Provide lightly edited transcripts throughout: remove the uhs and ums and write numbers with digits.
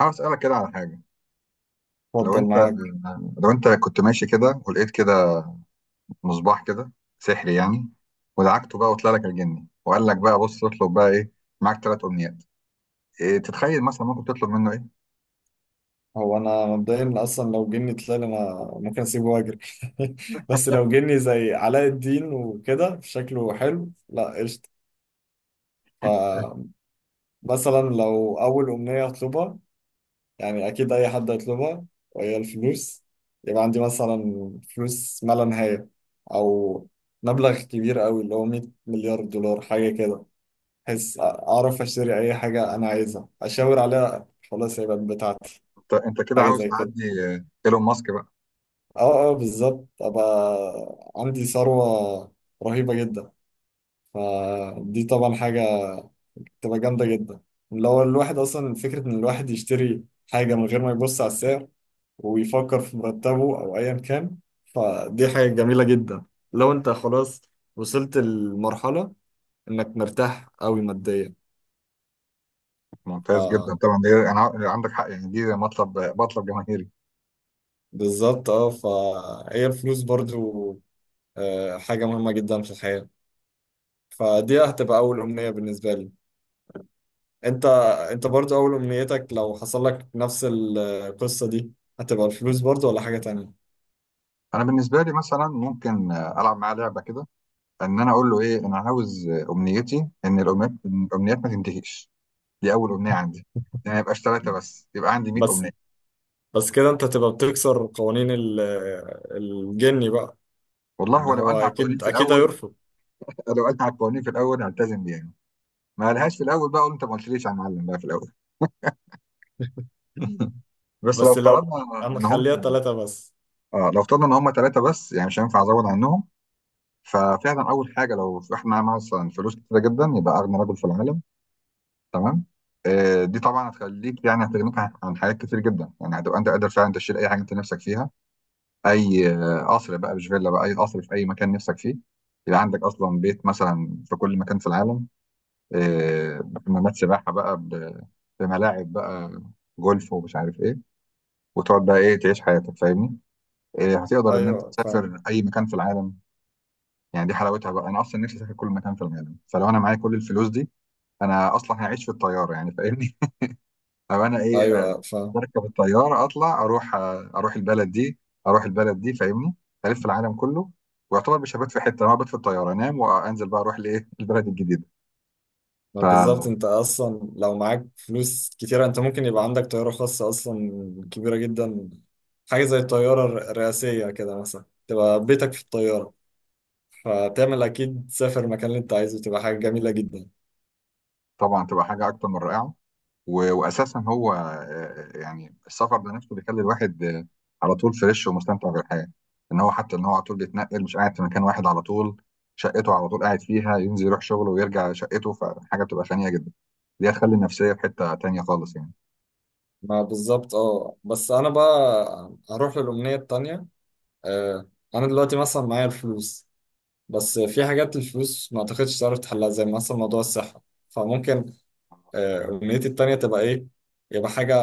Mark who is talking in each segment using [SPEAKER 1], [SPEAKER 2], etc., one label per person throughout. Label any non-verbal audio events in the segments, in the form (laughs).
[SPEAKER 1] عاوز اسالك كده على حاجه. لو
[SPEAKER 2] اتفضل
[SPEAKER 1] انت
[SPEAKER 2] معاك.
[SPEAKER 1] لو انت كنت ماشي كده ولقيت كده مصباح كده سحري يعني، ودعكته بقى وطلع لك الجني وقال لك بقى بص اطلب بقى ايه، معاك ثلاث امنيات. إيه تتخيل مثلا ممكن تطلب منه ايه؟
[SPEAKER 2] هو انا مبدئيا اصلا لو جني طلال انا ممكن اسيبه واجري. (laughs) بس لو جني زي علاء الدين وكده شكله حلو، لا قشطه. فمثلا لو اول امنيه اطلبها، يعني اكيد اي حد هيطلبها، وهي الفلوس. يبقى عندي مثلا فلوس ما لا نهايه، او مبلغ كبير قوي اللي هو 100 مليار دولار حاجه كده، بحيث اعرف اشتري اي حاجه انا عايزها، اشاور عليها خلاص هيبقى بتاعتي.
[SPEAKER 1] انت كده
[SPEAKER 2] حاجه
[SPEAKER 1] عاوز
[SPEAKER 2] زي كده.
[SPEAKER 1] تعدي ايلون ماسك بقى.
[SPEAKER 2] اه اه، بالظبط، ابقى عندي ثروة رهيبة جدا. فدي طبعا حاجة تبقى جامدة جدا، اللي هو الواحد اصلا فكرة ان الواحد يشتري حاجة من غير ما يبص على السعر ويفكر في مرتبه او ايا كان. فدي حاجة جميلة جدا، لو انت خلاص وصلت لمرحلة انك مرتاح قوي ماديا.
[SPEAKER 1] ممتاز جدا طبعا، دي انا عندك حق يعني، دي مطلب، مطلب جماهيري.
[SPEAKER 2] فبالظبط، فهي الفلوس برضو، حاجة مهمة جدا في الحياة. فدي هتبقى أول أمنية بالنسبة لي. انت انت برضو اول امنيتك لو حصل لك نفس القصة دي، هتبقى الفلوس برضو ولا حاجة تانية؟
[SPEAKER 1] انا بالنسبه لي مثلا ممكن العب معاه لعبه كده، ان انا اقول له ايه، انا عاوز امنيتي ان الامنيات ما تنتهيش. دي اول امنيه عندي، يعني ما يبقاش ثلاثه بس، يبقى عندي 100
[SPEAKER 2] بس
[SPEAKER 1] امنيه.
[SPEAKER 2] بس كده انت تبقى بتكسر قوانين الجني بقى،
[SPEAKER 1] والله
[SPEAKER 2] ان
[SPEAKER 1] ولو
[SPEAKER 2] هو
[SPEAKER 1] قالها على القوانين
[SPEAKER 2] اكيد
[SPEAKER 1] في
[SPEAKER 2] اكيد
[SPEAKER 1] الاول.
[SPEAKER 2] هيرفض.
[SPEAKER 1] لو قالها على القوانين في الاول هلتزم بيها. ما قالهاش في الاول، بقى اقول انت ما قلتليش يا معلم بقى في الاول. بس لو
[SPEAKER 2] بس لو
[SPEAKER 1] افترضنا
[SPEAKER 2] انا
[SPEAKER 1] ان هم
[SPEAKER 2] خليها 3 بس.
[SPEAKER 1] اه لو افترضنا ان هم ثلاثه بس، يعني مش هينفع ازود عنهم. ففعلا اول حاجه، لو احنا معانا مثلا فلوس كتيره جدا، يبقى اغنى رجل في العالم. تمام. دي طبعا هتخليك، يعني هتغنيك عن حاجات كتير جدا، يعني هتبقى انت قادر فعلا تشيل اي حاجه انت نفسك فيها. اي قصر بقى، مش فيلا بقى، اي قصر في اي مكان نفسك فيه. يبقى عندك اصلا بيت مثلا في كل مكان في العالم، بحمامات سباحه بقى، بملاعب بقى جولف ومش عارف ايه. وتقعد بقى ايه، تعيش حياتك فاهمني. هتقدر ان انت
[SPEAKER 2] ايوه فاهم.
[SPEAKER 1] تسافر اي مكان في العالم، يعني دي حلاوتها بقى. انا اصلا نفسي اسافر كل مكان في العالم، فلو انا معايا كل الفلوس دي، انا اصلا هعيش في الطياره يعني فاهمني. او انا ايه،
[SPEAKER 2] ايوه فاهم.
[SPEAKER 1] بركب الطياره اطلع اروح، اروح البلد دي فاهمني، الف العالم كله. ويعتبر مش هبات في حته، انا هبات في الطياره انام، وانزل بقى اروح لايه (laughs) البلد الجديده.
[SPEAKER 2] ما بالظبط،
[SPEAKER 1] فطبعا
[SPEAKER 2] انت اصلا لو معاك فلوس كتيرة انت ممكن يبقى عندك طيارة خاصة اصلا، كبيرة جدا. حاجة زي الطيارة الرئاسية كده مثلا، تبقى بيتك في الطيارة، فبتعمل اكيد تسافر المكان اللي انت عايزه، تبقى حاجه جميله جدا.
[SPEAKER 1] تبقى حاجه اكتر من رائعه. واساسا هو يعني السفر ده نفسه بيخلي الواحد على طول فريش ومستمتع بالحياه، ان هو حتى ان هو على طول بيتنقل، مش قاعد في مكان واحد على طول. شقته على طول قاعد فيها ينزل يروح شغله ويرجع شقته، فحاجه بتبقى غنيه جدا، دي هتخلي النفسيه في حته تانيه خالص يعني.
[SPEAKER 2] ما بالظبط. اه بس انا بقى هروح للامنيه التانيه. آه انا دلوقتي مثلا معايا الفلوس، بس في حاجات الفلوس ما اعتقدش تعرف تحلها، زي مثلا موضوع الصحه. فممكن أمنيتي التانية تبقى إيه؟ يبقى حاجة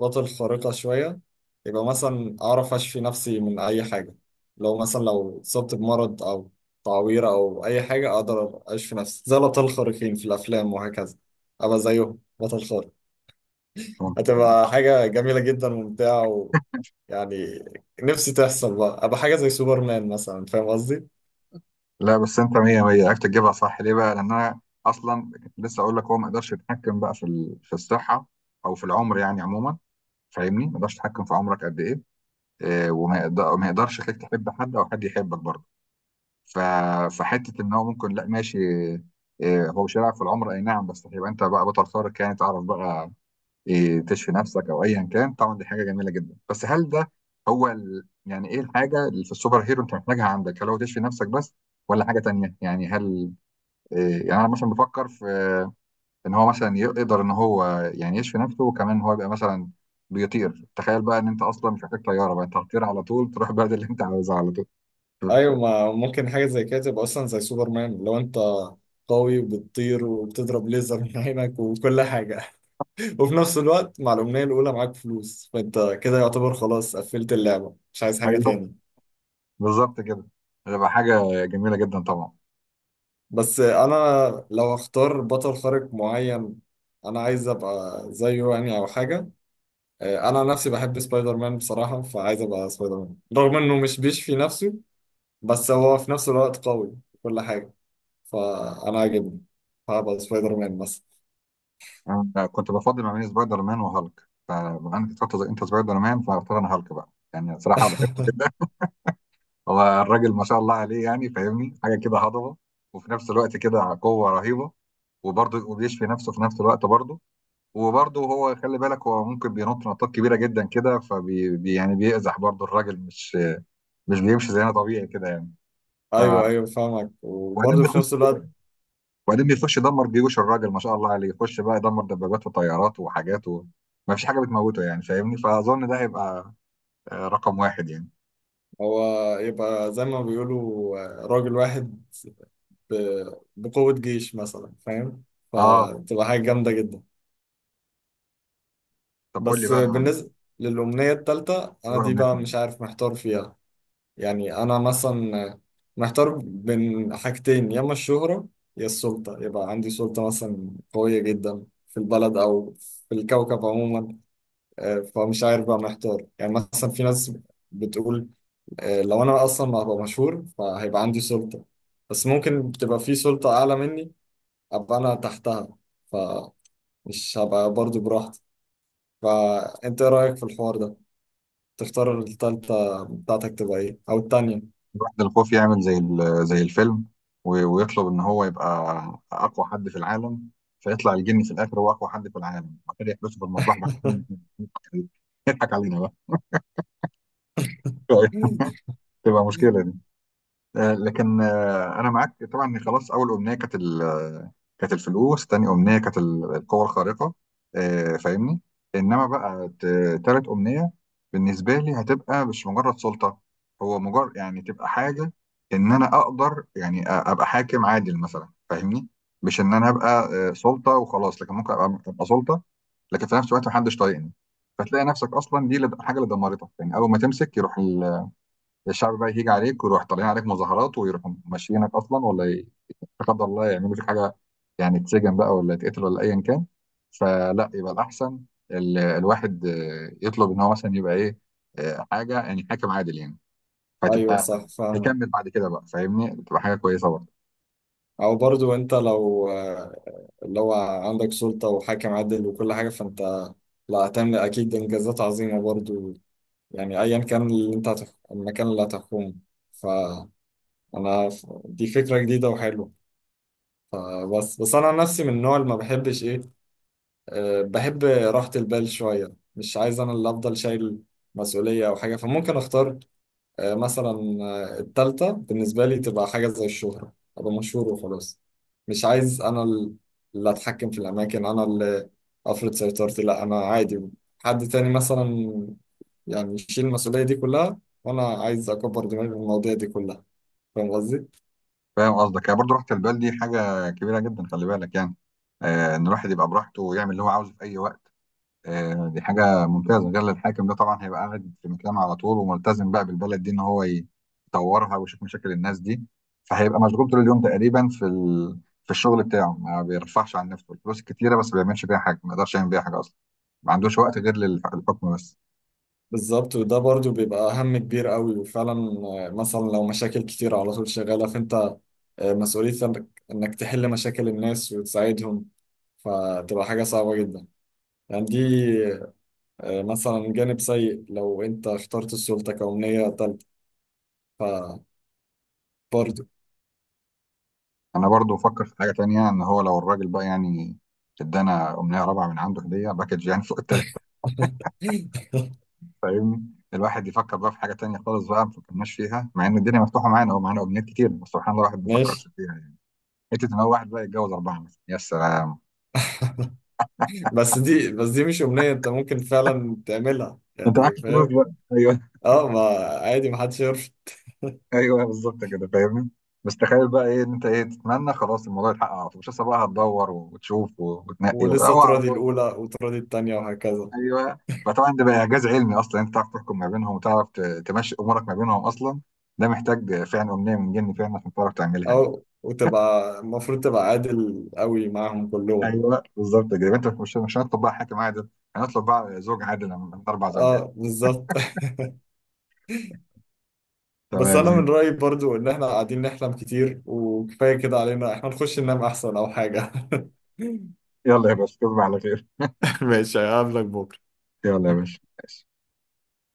[SPEAKER 2] بطل خارقة شوية، يبقى مثلا أعرف أشفي نفسي من أي حاجة، لو مثلا اتصبت بمرض أو تعويرة أو أي حاجة، أقدر أشفي نفسي زي الأبطال الخارقين في الأفلام وهكذا. أبقى زيهم بطل خارق، هتبقى حاجة جميلة جدا وممتعة. ويعني نفسي تحصل بقى، أبقى حاجة زي سوبرمان مثلا. فاهم قصدي؟
[SPEAKER 1] لا بس انت مية مية عرفت تجيبها صح. ليه بقى؟ لان انا اصلا لسه اقول لك، هو ما يقدرش يتحكم بقى في في الصحه او في العمر يعني عموما. فاهمني؟ ما يقدرش يتحكم في عمرك قد ايه، اه، وما يقدرش يخليك تحب حد او حد يحبك برضه. ف... فحته ان هو ممكن، لا ماشي، اه، هو مش هيلعب في العمر اي نعم، بس هيبقى انت بقى بطل خارق يعني. تعرف بقى تشفي نفسك او ايا كان. طبعا دي حاجه جميله جدا، بس هل ده هو يعني ايه الحاجه اللي في السوبر هيرو انت محتاجها عندك؟ هل هو تشفي نفسك بس، ولا حاجه تانيه؟ يعني هل يعني انا مثلا بفكر في ان هو مثلا يقدر ان هو يعني يشفي نفسه، وكمان ان هو يبقى مثلا بيطير. تخيل بقى ان انت اصلا مش محتاج طياره بقى، انت هتطير على طول تروح البلد (laughs) اللي انت عاوزها على طول.
[SPEAKER 2] ايوه، ما ممكن حاجه زي كده تبقى اصلا زي سوبرمان، لو انت قوي وبتطير وبتضرب ليزر من عينك وكل حاجه. (laughs) وفي نفس الوقت مع الامنيه الاولى معاك فلوس، فانت كده يعتبر خلاص قفلت اللعبه، مش عايز حاجه
[SPEAKER 1] ايوه
[SPEAKER 2] تاني.
[SPEAKER 1] بالظبط كده، هتبقى حاجه جميله جدا طبعا.
[SPEAKER 2] بس انا لو اختار بطل خارق معين، انا عايز ابقى زيه يعني او حاجه. انا نفسي بحب سبايدر مان بصراحه، فعايز ابقى سبايدر مان رغم انه مش بيشفي نفسه، بس هو في نفس الوقت قوي في كل حاجه، فانا عاجبني. هبقى سبايدر مان مثلا.
[SPEAKER 1] انا كنت بفضل ما بين سبايدر مان وهالك، فبما انك اخترت انت سبايدر مان، فاختار انا هالك بقى. يعني صراحه بحبه
[SPEAKER 2] (laughs)
[SPEAKER 1] كده، هو الراجل ما شاء الله عليه يعني فاهمني، حاجه كده هضبه، وفي نفس الوقت كده قوه رهيبه، وبرضه وبيشفي نفسه في نفس الوقت برضه. وبرضه هو خلي بالك، هو ممكن بينط نطات كبيره جدا كده، يعني بيأزح برضه الراجل، مش بيمشي زينا طبيعي كده يعني. ف
[SPEAKER 2] ايوه ايوه، فاهمك.
[SPEAKER 1] وبعدين
[SPEAKER 2] وبرضه في
[SPEAKER 1] بيخش
[SPEAKER 2] نفس الوقت
[SPEAKER 1] وبعدين بيخش يدمر جيوش. الراجل ما شاء الله عليه يخش بقى يدمر دبابات وطيارات وحاجات و... ما فيش حاجه بتموته يعني فاهمني. فاظن ده هيبقى رقم واحد يعني.
[SPEAKER 2] هو يبقى زي ما بيقولوا راجل واحد بقوة جيش مثلا، فاهم؟
[SPEAKER 1] اه
[SPEAKER 2] فتبقى حاجة جامدة جدا.
[SPEAKER 1] طب قول لي
[SPEAKER 2] بس
[SPEAKER 1] بقى.
[SPEAKER 2] بالنسبة للأمنية التالتة
[SPEAKER 1] ايه
[SPEAKER 2] أنا
[SPEAKER 1] ولا
[SPEAKER 2] دي
[SPEAKER 1] منك.
[SPEAKER 2] بقى مش عارف، محتار فيها. يعني أنا مثلا محتار بين حاجتين، يا إما الشهرة يا السلطة. يبقى عندي سلطة مثلا قوية جدا في البلد، أو في الكوكب عموما. فمش عارف بقى، محتار. يعني مثلا في ناس بتقول لو انا اصلا ما هبقى مشهور فهيبقى عندي سلطة، بس ممكن تبقى في سلطة اعلى مني، ابقى انا تحتها، فمش هبقى برضو براحتي. فانت ايه رأيك في الحوار ده؟ تختار التالتة بتاعتك تبقى ايه، او التانية؟
[SPEAKER 1] يروح للخوف يعمل زي زي الفيلم، ويطلب ان هو يبقى اقوى حد في العالم. فيطلع الجن في الاخر هو اقوى حد في العالم، وبعد كده يحبسه في المصباح بعد كده،
[SPEAKER 2] (laughs)
[SPEAKER 1] يضحك علينا بقى (laughs) تبقى مشكله. لكن انا معاك طبعا. خلاص، اول امنيه كانت كانت الفلوس، تاني امنيه كانت القوه الخارقه، فاهمني. انما بقى تالت امنيه بالنسبه لي هتبقى مش مجرد سلطه. هو مجرد يعني تبقى حاجه ان انا اقدر يعني ابقى حاكم عادل مثلا فاهمني. مش ان انا ابقى سلطه وخلاص، لكن ممكن أبقى سلطه، لكن في نفس الوقت محدش طايقني، فتلاقي نفسك اصلا دي الحاجه اللي دمرتك يعني. اول ما تمسك يروح الشعب بقى يهيج عليك، ويروح طالعين عليك مظاهرات، ويروحوا ماشيينك اصلا، لا قدر الله يعملوا فيك حاجه، يعني تسجن بقى ولا يتقتل ولا ايا كان. فلا، يبقى الاحسن الواحد يطلب ان هو مثلا يبقى ايه، حاجه يعني حاكم عادل يعني.
[SPEAKER 2] ايوه
[SPEAKER 1] فتبقى،
[SPEAKER 2] صح، فاهمك.
[SPEAKER 1] هيكمل بعد كده بقى فاهمني، بتبقى حاجه كويسه برضه.
[SPEAKER 2] او برضو انت لو عندك سلطة وحاكم عادل وكل حاجة، فانت لا هتعمل اكيد انجازات عظيمة برضو، يعني ايا كان اللي انت المكان اللي هتحكمه. انا دي فكرة جديدة وحلوة. فبس انا عن نفسي من النوع اللي ما بحبش ايه، بحب راحة البال شوية، مش عايز انا اللي افضل شايل مسؤولية او حاجة. فممكن اختار مثلا التالتة بالنسبة لي تبقى حاجة زي الشهرة، ابقى مشهور وخلاص. مش عايز انا اللي اتحكم في الاماكن، انا اللي افرض سيطرتي، لا انا عادي، حد تاني مثلا يعني يشيل المسؤولية دي كلها، وانا عايز اكبر دماغي من المواضيع دي كلها. فاهم قصدي؟
[SPEAKER 1] فاهم قصدك، يعني برضه راحه البال دي حاجه كبيره جدا خلي بالك يعني. ان الواحد يبقى براحته ويعمل اللي هو عاوزه في اي وقت، دي حاجة ممتازة. غير الحاكم ده طبعا هيبقى قاعد في مكانه على طول، وملتزم بقى بالبلد دي، إن هو يطورها ويشوف مشاكل الناس دي، فهيبقى مشغول طول اليوم تقريبا في في الشغل بتاعه. ما بيرفعش عن نفسه، الفلوس كتيرة بس ما بيعملش بيها حاجة، ما يقدرش يعمل بيها حاجة أصلا، ما عندوش وقت غير للحكم بس.
[SPEAKER 2] بالظبط، وده برضو بيبقى هم كبير قوي وفعلا، مثلا لو مشاكل كتير على طول شغالة، فانت مسؤوليتك انك إنك تحل مشاكل الناس وتساعدهم، فتبقى حاجة صعبة جدا. يعني دي مثلا جانب سيء لو انت اخترت السلطة كأمنية تالتة فبرضو.
[SPEAKER 1] أنا برضو بفكر في حاجة تانية، إن هو لو الراجل بقى يعني ادانا أمنية رابعة من عنده هدية باكج يعني (laughs) فوق التلاتة
[SPEAKER 2] (laughs)
[SPEAKER 1] فاهمني. الواحد يفكر بقى في حاجة تانية خالص بقى ما فكرناش فيها، مع إن الدنيا مفتوحة معانا، هو معانا أمنيات كتير بس سبحان الله الواحد ما
[SPEAKER 2] ماشي.
[SPEAKER 1] فكرش فيها يعني. انت تبقى واحد بقى يتجوز اربعه مثلا يا سلام.
[SPEAKER 2] بس دي مش أمنية انت ممكن فعلا تعملها،
[SPEAKER 1] انت معاك
[SPEAKER 2] يعني
[SPEAKER 1] الفلوس
[SPEAKER 2] فاهم؟
[SPEAKER 1] بقى ايوه (laughs)
[SPEAKER 2] اه، ما عادي، محدش يعرف.
[SPEAKER 1] ايوه بالظبط كده فاهمني. بس تخيل بقى ايه، ان انت ايه تتمنى خلاص الموضوع يتحقق على طول، مش لسه بقى هتدور وتشوف وتنقي
[SPEAKER 2] ولسه
[SPEAKER 1] هو على
[SPEAKER 2] تراضي
[SPEAKER 1] طول.
[SPEAKER 2] الأولى وتراضي التانية وهكذا.
[SPEAKER 1] ايوه. فطبعا ده بقى اعجاز علمي اصلا، انت تعرف تحكم ما بينهم، وتعرف تمشي امورك ما بينهم اصلا. ده محتاج فعلا امنيه من جن فعلا عشان تعرف تعملها يعني.
[SPEAKER 2] او وتبقى المفروض تبقى عادل قوي معاهم كلهم.
[SPEAKER 1] ايوه بالظبط كده، يبقى انت مش هنطلب بقى حاكم عادل، هنطلب بقى زوج عادل من اربع زوجات.
[SPEAKER 2] اه بالظبط. (laughs) بس
[SPEAKER 1] تمام
[SPEAKER 2] انا
[SPEAKER 1] زي.
[SPEAKER 2] من رأيي برضو ان احنا قاعدين نحلم كتير، وكفاية كده علينا، احنا نخش ننام احسن او حاجة. (laughs)
[SPEAKER 1] يلا يا باشا تصبح على خير.
[SPEAKER 2] ماشي، هقابلك بكرة.
[SPEAKER 1] يلا يا باشا ماشي.